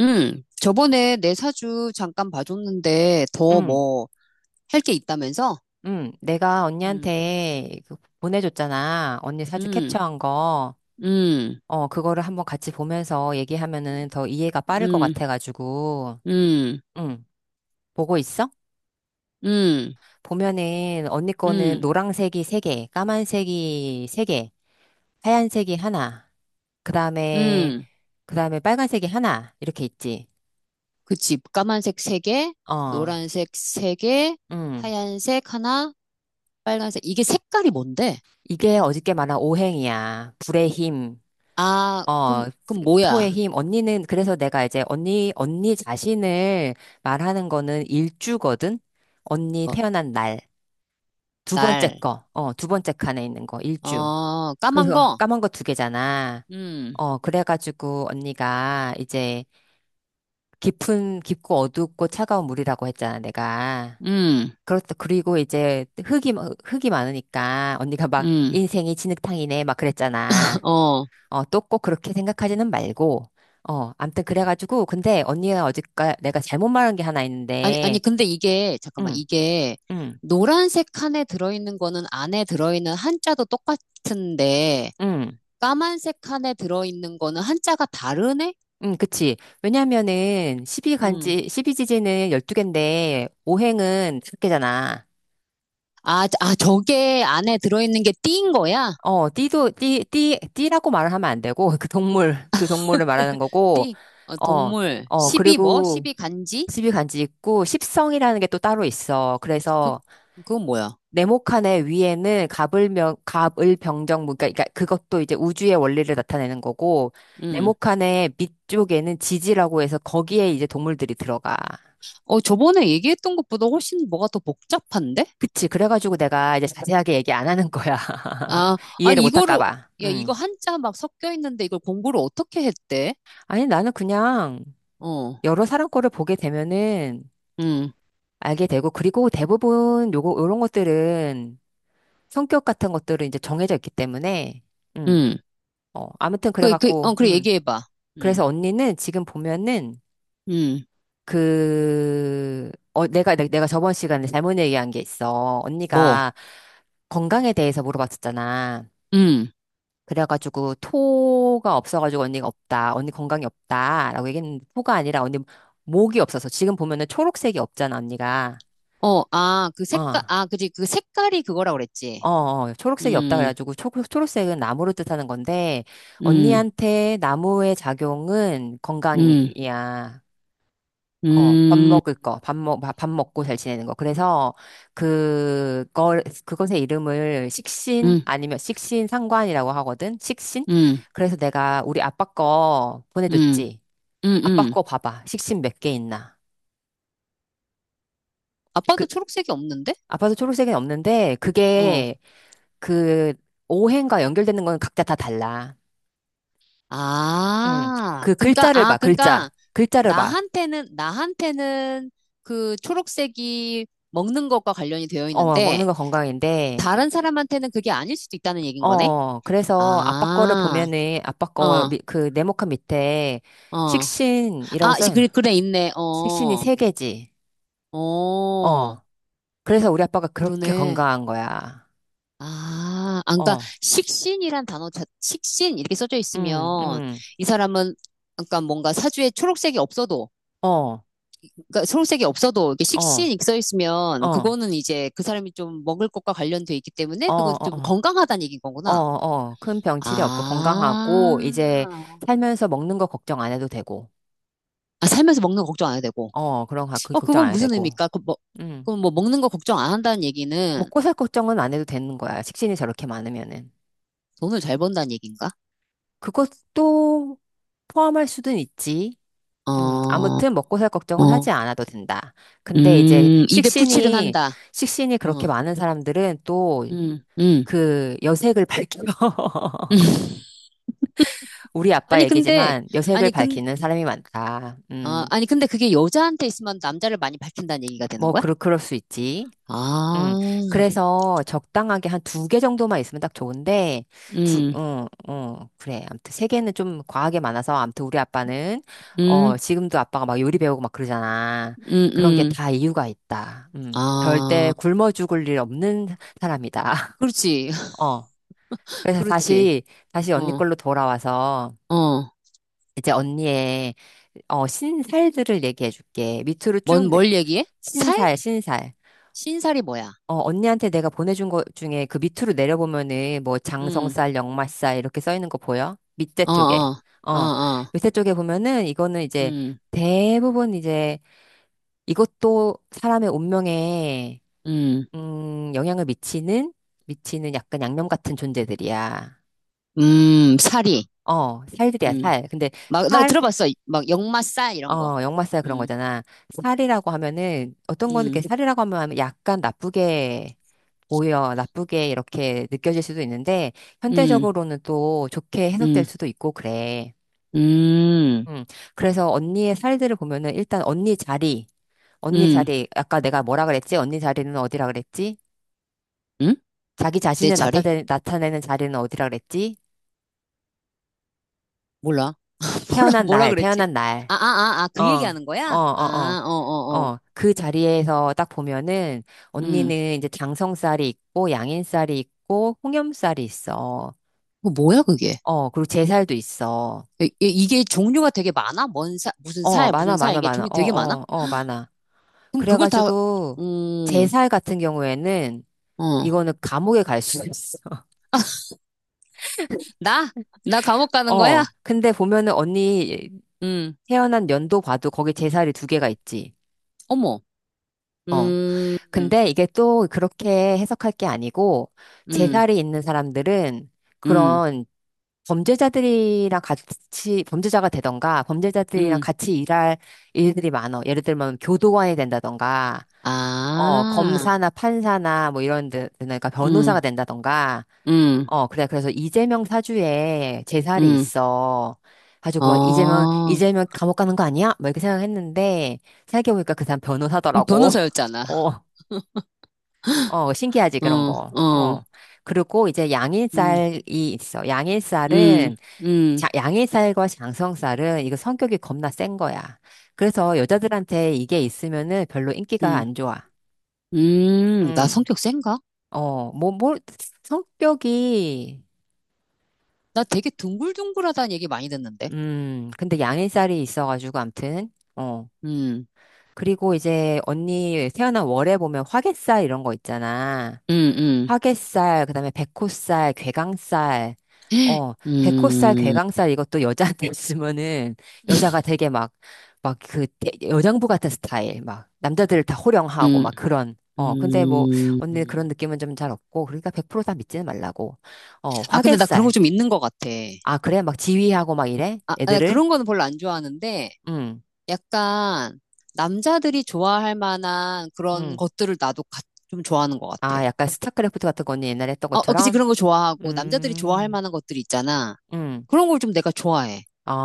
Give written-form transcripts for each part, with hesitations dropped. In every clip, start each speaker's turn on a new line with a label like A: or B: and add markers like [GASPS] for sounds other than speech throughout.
A: 응, 저번에 내 사주 잠깐 봐줬는데 더
B: 응,
A: 뭐 할 게 있다면서?
B: 응. 내가
A: 응,
B: 언니한테 그 보내줬잖아. 언니 사주
A: 응,
B: 캡처한 거.
A: 응,
B: 어, 그거를 한번 같이 보면서 얘기하면은 더 이해가 빠를 것
A: 응,
B: 같아가지고.
A: 응,
B: 응, 보고 있어?
A: 응,
B: 보면은 언니 거는
A: 응,
B: 노란색이 세개, 까만색이 세개, 하얀색이 하나, 그 다음에,
A: 응.
B: 그 다음에 빨간색이 하나, 이렇게 있지.
A: 그치. 까만색 세개
B: 어,
A: 노란색 세개
B: 응.
A: 하얀색 하나, 빨간색. 이게 색깔이 뭔데?
B: 이게 어저께 말한 오행이야. 불의 힘.
A: 아,
B: 어,
A: 그럼
B: 토의
A: 뭐야?
B: 힘. 언니는, 그래서 내가 이제 언니 자신을 말하는 거는 일주거든? 언니
A: 어,
B: 태어난 날. 두 번째
A: 날.
B: 거. 어, 두 번째 칸에 있는 거. 일주.
A: 어, 까만
B: 그래서
A: 거?
B: 까만 거 두 개잖아.
A: 응,
B: 어, 그래가지고 언니가 이제 깊은, 깊고 어둡고 차가운 물이라고 했잖아, 내가.
A: 응,
B: 그렇다. 그리고 이제 흙이 많으니까 언니가 막
A: 응,
B: 인생이 진흙탕이네, 막 그랬잖아.
A: [LAUGHS] 어.
B: 어, 또 꼭 그렇게 생각하지는 말고, 어, 암튼 그래가지고, 근데 언니가 어제까 내가 잘못 말한 게 하나
A: 아니, 아니,
B: 있는데,
A: 근데 이게, 잠깐만,
B: 응,
A: 이게,
B: 응,
A: 노란색 칸에 들어있는 거는 안에 들어있는 한자도 똑같은데,
B: 응,
A: 까만색 칸에 들어있는 거는 한자가 다르네?
B: 응, 그치. 왜냐면은, 십이간
A: 음.
B: 지 십이지지는 12개인데, 오행은 5개잖아.
A: 아, 저게 안에 들어있는 게 띠인 거야?
B: 어, 띠라고 말을 하면 안 되고, [LAUGHS] 그 동물을 말하는 거고,
A: 띠, 어,
B: 어,
A: 동물,
B: 어,
A: 십이 뭐?
B: 그리고
A: 십이 간지?
B: 십이간지 있고, 십성이라는 게 또 따로 있어.
A: 그,
B: 그래서,
A: 그건 뭐야?
B: 네모칸의 위에는 가불명, 가을병정무, 그러니까 그것도 이제 우주의 원리를 나타내는 거고,
A: 음.
B: 네모칸의 밑쪽에는 지지라고 해서 거기에 이제 동물들이 들어가.
A: 어, 저번에 얘기했던 것보다 훨씬 뭐가 더 복잡한데?
B: 그치. 그래가지고 내가 이제 자세하게 얘기 안 하는 거야. [LAUGHS]
A: 아,
B: 이해를
A: 아니,
B: 못
A: 이거를,
B: 할까 봐.
A: 야,
B: 음.
A: 이거 한자 막 섞여 있는데 이걸 공부를 어떻게 했대?
B: 아니, 나는 그냥
A: 어,
B: 여러 사람 거를 보게 되면은
A: 음,
B: 알게 되고, 그리고 대부분 요거, 요런 것들은 성격 같은 것들은 이제 정해져 있기 때문에, 음.
A: 음.
B: 어, 아무튼
A: 그, 그,
B: 그래갖고,
A: 어, 그래, 얘기해봐. 음,
B: 그래서 언니는 지금 보면은
A: 음,
B: 그, 어, 내가 저번 시간에 잘못 얘기한 게 있어.
A: 뭐,
B: 언니가 건강에 대해서 물어봤었잖아.
A: 음,
B: 그래가지고 토가 없어가지고 언니가 없다. 언니 건강이 없다라고 얘기했는데 토가 아니라 언니 목이 없어서 지금 보면은 초록색이 없잖아, 언니가.
A: 어, 아, 그
B: 어.
A: 색깔, 아, 그지, 그 색깔이 그거라 고 그랬지.
B: 어, 어, 초록색이 없다
A: 음,
B: 그래가지고 초록색은 나무를 뜻하는 건데
A: 음,
B: 언니한테 나무의 작용은
A: 음,
B: 건강이야. 어, 밥
A: 음,
B: 먹을 거, 밥 먹, 밥 먹고 잘 지내는 거. 그래서, 그것의 이름을 식신
A: 음,
B: 아니면 식신 상관이라고 하거든? 식신?
A: 음,
B: 그래서 내가 우리 아빠 거
A: 음,
B: 보내줬지.
A: 음,
B: 아빠
A: 음.
B: 거 봐봐. 식신 몇 개 있나. 그,
A: 아빠도 초록색이 없는데?
B: 아빠도 초록색은 없는데,
A: 어,
B: 그게 그, 오행과 연결되는 건 각자 다 달라. 음,
A: 아,
B: 그
A: 그러니까,
B: 글자를
A: 아,
B: 봐,
A: 그러니까,
B: 글자. 글자를 봐.
A: 나한테는 그 초록색이 먹는 것과 관련이 되어
B: 어,
A: 있는데,
B: 먹는 거 건강인데,
A: 다른 사람한테는 그게 아닐 수도 있다는 얘기인 거네?
B: 어, 그래서 아빠 거를
A: 아,
B: 보면은 아빠 거
A: 어,
B: 그 네모칸 밑에
A: 어.
B: 식신이라고 써요.
A: 그래, 그래, 있네.
B: 식신이
A: 어,
B: 세 개지.
A: 어,
B: 어. 그래서 우리 아빠가 그렇게
A: 그러네.
B: 건강한 거야.
A: 아, 아, 그러니까
B: 어.
A: 식신이란 단어, 자, 식신 이렇게 써져
B: 응,
A: 있으면
B: 응.
A: 이 사람은 그러니까 뭔가 사주에 초록색이 없어도,
B: 어. 어.
A: 그러니까 초록색이 없어도 이렇게 식신
B: 어.
A: 이렇게 써 있으면
B: 어.
A: 그거는 이제 그 사람이 좀 먹을 것과 관련돼 있기 때문에
B: 어.
A: 그건 좀
B: 어.
A: 건강하다는 얘기인
B: 어.
A: 거구나.
B: 어. 큰 병치레 없고
A: 아,
B: 건강하고 이제 살면서 먹는 거 걱정 안 해도 되고.
A: 아, 살면서 먹는 거 걱정 안 해도 되고.
B: 어. 그런 거 그
A: 어,
B: 걱정
A: 그건
B: 안 해도
A: 무슨
B: 되고.
A: 의미일까? 그 뭐,
B: 음.
A: 그럼 뭐 먹는 거 걱정 안 한다는 얘기는
B: 먹고 살 걱정은 안 해도 되는 거야. 식신이 저렇게 많으면은.
A: 돈을 잘 번다는 얘기인가?
B: 그것도 포함할 수는 있지.
A: 어,
B: 아무튼 먹고 살 걱정은 하지
A: 어,
B: 않아도 된다. 근데 이제
A: 입에 풀칠은
B: 식신이,
A: 한다.
B: 식신이 그렇게
A: 어,
B: 많은 사람들은 또
A: 음.
B: 그 여색을 밝혀. [LAUGHS]
A: [LAUGHS]
B: 우리 아빠
A: 아니, 근데,
B: 얘기지만 여색을
A: 아니, 근,
B: 밝히는 사람이 많다.
A: 아, 아니, 근데 그게 여자한테 있으면 남자를 많이 밝힌다는 얘기가 되는
B: 뭐,
A: 거야?
B: 그럴 수 있지. 음.
A: 아,
B: 그래서 적당하게 한 두 개 정도만 있으면 딱 좋은데,
A: 음,
B: 그래. 아무튼 세 개는 좀 과하게 많아서, 아무튼 우리 아빠는, 어,
A: 음,
B: 지금도 아빠가 막 요리 배우고 막 그러잖아.
A: 음,
B: 그런 게
A: 음.
B: 다 이유가 있다. 음. 절대
A: 아,
B: 굶어 죽을 일 없는 사람이다. [LAUGHS]
A: 그렇지, [LAUGHS]
B: 어. 그래서
A: 그렇지.
B: 다시 언니
A: 어,
B: 걸로 돌아와서,
A: 어.
B: 이제 언니의, 어, 신살들을 얘기해 줄게. 밑으로 쭉,
A: 뭘 얘기해? 살?
B: 신살.
A: 신살이 뭐야?
B: 어, 언니한테 내가 보내준 것 중에 그 밑으로 내려보면은 뭐
A: 음,
B: 장성쌀, 역말쌀 이렇게 써 있는 거 보여? 밑에
A: 어,
B: 쪽에.
A: 어, 어,
B: 어,
A: 어.
B: 밑에 쪽에 보면은 이거는 이제
A: 음,
B: 대부분 이제 이것도 사람의 운명에,
A: 음,
B: 영향을 미치는 약간 양념 같은 존재들이야.
A: 살이.
B: 어, 살들이야,
A: 음.
B: 살. 근데
A: 막, 나
B: 살,
A: 들어봤어. 막, 역마싸, 이런 거.
B: 역마살 그런
A: 음,
B: 거잖아. 살이라고 하면은 어떤 거는
A: 음,
B: 이렇게 살이라고 하면 약간 나쁘게 오히려 나쁘게 이렇게 느껴질 수도 있는데,
A: 음,
B: 현대적으로는 또 좋게 해석될
A: 음,
B: 수도 있고, 그래.
A: 음,
B: 음. 그래서 언니의 살들을 보면은 일단 언니 자리, 언니
A: 음,
B: 자리, 아까 내가 뭐라 그랬지? 언니 자리는 어디라 그랬지?
A: 음?
B: 자기
A: 내
B: 자신을
A: 차례?
B: 나타내는 자리는 어디라 그랬지?
A: 몰라. [LAUGHS] 뭐라,
B: 태어난
A: 뭐라
B: 날,
A: 그랬지?
B: 태어난 날.
A: 아, 아, 아, 아,
B: 어,
A: 그
B: 어,
A: 얘기하는 거야?
B: 어,
A: 아, 어,
B: 어,
A: 어, 어.
B: 어. 그 자리에서 딱 보면은
A: 음.
B: 언니는 이제 장성살이 있고, 양인살이 있고, 홍염살이 있어.
A: 그 뭐야, 그게?
B: 어, 그리고 제살도 있어.
A: 이게 종류가 되게 많아? 무슨
B: 어,
A: 살,
B: 많아,
A: 무슨 살,
B: 많아,
A: 이게
B: 많아.
A: 종류
B: 어,
A: 되게 많아?
B: 어, 어, 많아.
A: 그럼 그걸 다,
B: 그래가지고,
A: 음,
B: 제살 같은 경우에는,
A: 어.
B: 이거는 감옥에 갈 수 있어.
A: 나? 나 감옥
B: [LAUGHS]
A: 가는 거야?
B: 어, 근데 보면은 언니
A: 음,
B: 태어난 연도 봐도 거기 제살이 두 개가 있지.
A: 어머.
B: 어,
A: 음,
B: 근데 이게 또 그렇게 해석할 게 아니고
A: 음,
B: 재살이 있는 사람들은
A: 음,
B: 그런 범죄자들이랑 같이 범죄자가 되던가 범죄자들이랑
A: 음.
B: 같이 일할 일들이 많어. 예를 들면 교도관이 된다던가 어
A: 아,
B: 검사나 판사나 뭐 이런 데 그러니까 변호사가
A: 응
B: 된다던가
A: 음,
B: 어 그래 그래서 이재명 사주에 재살이
A: 음,
B: 있어. 가지고 막 이재명
A: 어,
B: 이재명 감옥 가는 거 아니야? 막 이렇게 생각했는데 생각해보니까 그 사람 변호사더라고.
A: 변호사였잖아.
B: [LAUGHS] 어. 어, 신기하지,
A: 어,
B: 그런 거.
A: 어,
B: 어. 그리고 이제
A: 음,
B: 양일살이 있어.
A: 음,
B: 양일살은,
A: 음,
B: 자, 양일살과 장성살은 이거 성격이 겁나 센 거야. 그래서 여자들한테 이게 있으면은 별로 인기가
A: 음,
B: 안 좋아.
A: 나
B: 음
A: 성격 센가?
B: 어, 뭐, 성격이,
A: 나 되게 둥글둥글하다는 얘기 많이 듣는데.
B: 근데 양일살이 있어가지고, 암튼, 어.
A: 음,
B: 그리고 이제 언니 태어난 월에 보면 화개살 이런 거 있잖아.
A: 음, 음,
B: 화개살, 그다음에 백호살, 괴강살.
A: [GASPS]
B: 어, 백호살,
A: 음,
B: 괴강살 이것도 여자한테 [LAUGHS] 있으면은 여자가 되게 막 그 여장부 같은 스타일 막 남자들을 다 호령하고
A: 음,
B: 막 그런 어 근데 뭐
A: 음.
B: 언니 그런 느낌은 좀 잘 없고 그러니까 100%다 믿지는 말라고 어
A: 아, 근데 나 그런 거
B: 화개살
A: 좀 있는 것 같아.
B: 아 그래 막 지휘하고 막 이래
A: 아, 아,
B: 애들을
A: 그런 거는 별로 안 좋아하는데,
B: 음
A: 약간 남자들이 좋아할 만한 그런
B: 음
A: 것들을 나도 좀 좋아하는 것 같아.
B: 아 약간 스타크래프트 같은 거 언니 옛날에 했던
A: 어, 어, 그치,
B: 것처럼
A: 그런 거 좋아하고, 남자들이 좋아할
B: 음
A: 만한 것들 있잖아.
B: 음
A: 그런 걸 좀 내가 좋아해.
B: 아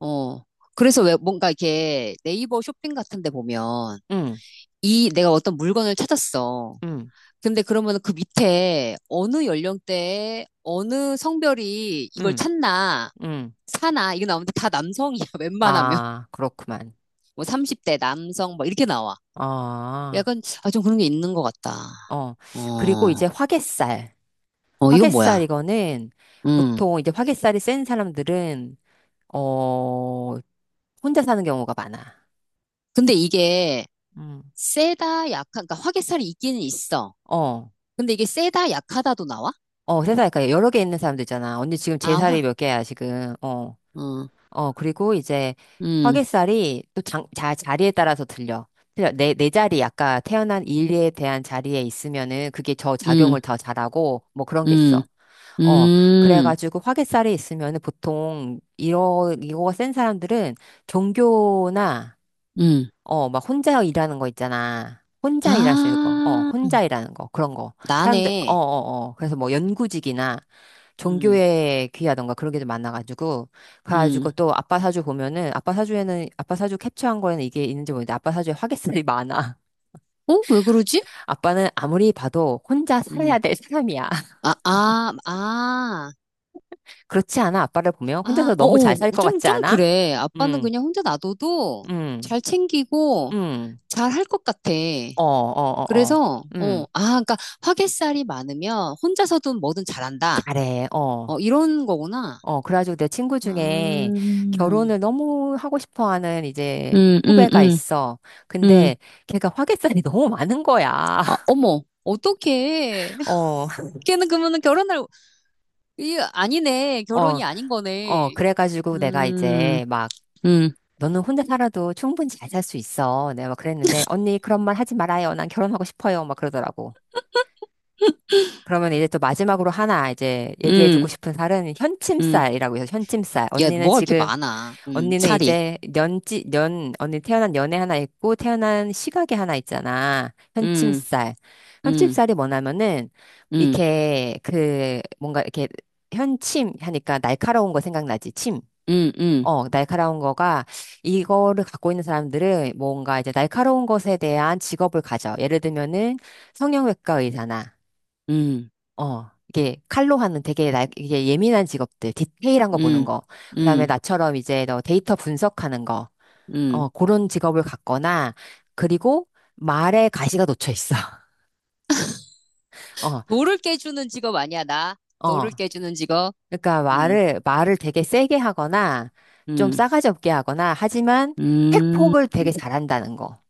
A: 어. 그래서 왜 뭔가 이렇게 네이버 쇼핑 같은 데 보면,
B: 음
A: 이, 내가 어떤 물건을 찾았어.
B: 음
A: 근데 그러면 그 밑에 어느 연령대에 어느 성별이 이걸
B: 음
A: 찾나,
B: 음
A: 사나, 이거 나오는데 다 남성이야, [LAUGHS] 웬만하면.
B: 아, 그렇구만.
A: 뭐 30대 남성, 막 이렇게 나와.
B: 아,
A: 약간, 아, 좀 그런 게 있는 것 같다.
B: 어. 그리고
A: 어,
B: 이제 화개살.
A: 어, 이건
B: 화개살
A: 뭐야.
B: 이거는
A: 음.
B: 보통 이제 화개살이 센 사람들은, 어, 혼자 사는 경우가 많아.
A: 근데 이게,
B: 음.
A: 세다, 약한, 그러니까 화개살이 있기는 있어.
B: 어,
A: 근데 이게 세다, 약하다도 나와?
B: 어, 세상에 그러니까 여러 개 있는 사람도 있잖아. 언니 지금 제
A: 아,
B: 살이
A: 화.
B: 몇 개야, 지금. 어,
A: 어,
B: 어, 그리고 이제
A: 음,
B: 화개살이 또 자리에 따라서 들려. 틀려. 내 자리, 아까 태어난 일에 대한 자리에 있으면은 그게 저 작용을
A: 음,
B: 더 잘하고 뭐 그런 게
A: 음,
B: 있어. 어,
A: 음,
B: 그래가지고 화개살이 있으면 은 보통 이러 이거가 센 사람들은 종교나
A: 음.
B: 어, 막 혼자 일하는 거 있잖아. 혼자 일할 수 있는 거, 어,
A: 아,
B: 혼자 일하는 거, 그런 거. 사람들, 어,
A: 나네.
B: 어, 어. 그래서 뭐 연구직이나
A: 음,
B: 종교에 귀하던가 그런 게 좀 많아가지고. 그래가지고
A: 음.
B: 또 아빠 사주 보면은, 아빠 사주에는, 아빠 사주 캡처한 거에는 이게 있는지 모르는데, 아빠 사주에 화개살이 많아.
A: 어? 왜 그러지?
B: [LAUGHS] 아빠는 아무리 봐도 혼자 살아야
A: 음.
B: 될 사람이야.
A: 아, 아, 아,
B: 그렇지 않아? 아빠를 보면
A: 아,
B: 혼자서
A: 어,
B: 너무 잘
A: 어,
B: 살 것
A: 좀,
B: 같지
A: 좀
B: 않아?
A: 그래. 아빠는
B: 음,
A: 그냥 혼자 놔둬도
B: 음,
A: 잘 챙기고
B: 음,
A: 잘 할 것 같아.
B: 어, 어, 어, 어,
A: 그래서, 어,
B: 음,
A: 아, 그러니까 화개살이 많으면 혼자서든 뭐든 잘한다.
B: 잘해, 어,
A: 어, 이런 거구나.
B: 어. 그래가지고 내 친구
A: 아,
B: 중에 결혼을 너무 하고 싶어 하는 이제
A: 음, 음,
B: 후배가 있어.
A: 음.
B: 근데 걔가 화개살이 [LAUGHS] 너무 많은 거야.
A: 아,
B: [LAUGHS]
A: 어머, 어떡해. [LAUGHS]
B: 어,
A: 걔는 그러면 결혼할, 이 아니네.
B: 어,
A: 결혼이 아닌
B: 어.
A: 거네.
B: 그래가지고 내가
A: 음,
B: 이제 막
A: 음,
B: 너는 혼자 살아도 충분히 잘 살 수 있어. 내가 막 그랬는데 언니 그런 말 하지 말아요. 난 결혼하고 싶어요. 막 그러더라고. 그러면 이제 또 마지막으로 하나 이제 얘기해주고
A: 음,
B: 싶은 살은
A: 음.
B: 현침살이라고 해서 현침살.
A: 야,
B: 언니는
A: 뭐가 이렇게
B: 지금,
A: 많아.
B: 언니는
A: 살이.
B: 이제 년지, 년, 언니 태어난 연애 하나 있고 태어난 시각이 하나 있잖아.
A: 음,
B: 현침살.
A: 음,
B: 현침살이 뭐냐면은
A: 음,
B: 이렇게 그 뭔가 이렇게 현침 하니까 날카로운 거 생각나지? 침.
A: 음, 음,
B: 어, 날카로운 거가 이거를 갖고 있는 사람들은 뭔가 이제 날카로운 것에 대한 직업을 가져. 예를 들면은 성형외과 의사나
A: 음,
B: 어, 이게 칼로 하는 되게 나, 이게 예민한 직업들, 디테일한 거 보는
A: 음,
B: 거, 그다음에
A: 음,
B: 나처럼 이제 너 데이터 분석하는 거,
A: 음.
B: 어, 그런 직업을 갖거나, 그리고 말에 가시가 놓쳐 있어. [LAUGHS] 어,
A: 돌을 깨주는 직업 아니야, 나.
B: 어.
A: 돌을 깨주는 직업.
B: 그러니까
A: 음,
B: 말을 되게 세게 하거나, 좀
A: 음,
B: 싸가지 없게 하거나, 하지만
A: 음.
B: 팩폭을 되게 잘한다는 거.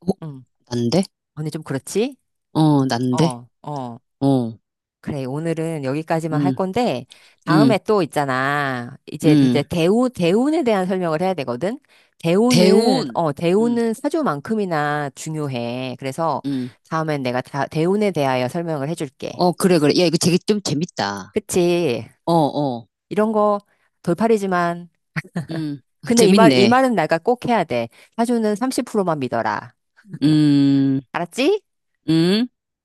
A: 어,
B: 응.
A: 난데?
B: 언니 좀 그렇지?
A: 어, 난데?
B: 어, 어.
A: 어,
B: 그래, 오늘은 여기까지만 할
A: 음,
B: 건데,
A: 음.
B: 다음에 또 있잖아. 이제,
A: 음,
B: 이제 대우, 대운에 대한 설명을 해야 되거든? 대우는,
A: 대운.
B: 어,
A: 음,
B: 대우는 사주만큼이나 중요해. 그래서
A: 음.
B: 다음엔 내가 대운에 대하여 설명을 해줄게.
A: 어, 그래, 그래. 야, 이거 되게 좀 재밌다.
B: 그치?
A: 어, 어.
B: 이런 거 돌팔이지만,
A: 음, [LAUGHS]
B: 근데 이 말, 이
A: 재밌네.
B: 말은 내가 꼭 해야 돼. 사주는 30%만 믿어라.
A: 음,
B: 알았지?
A: 음.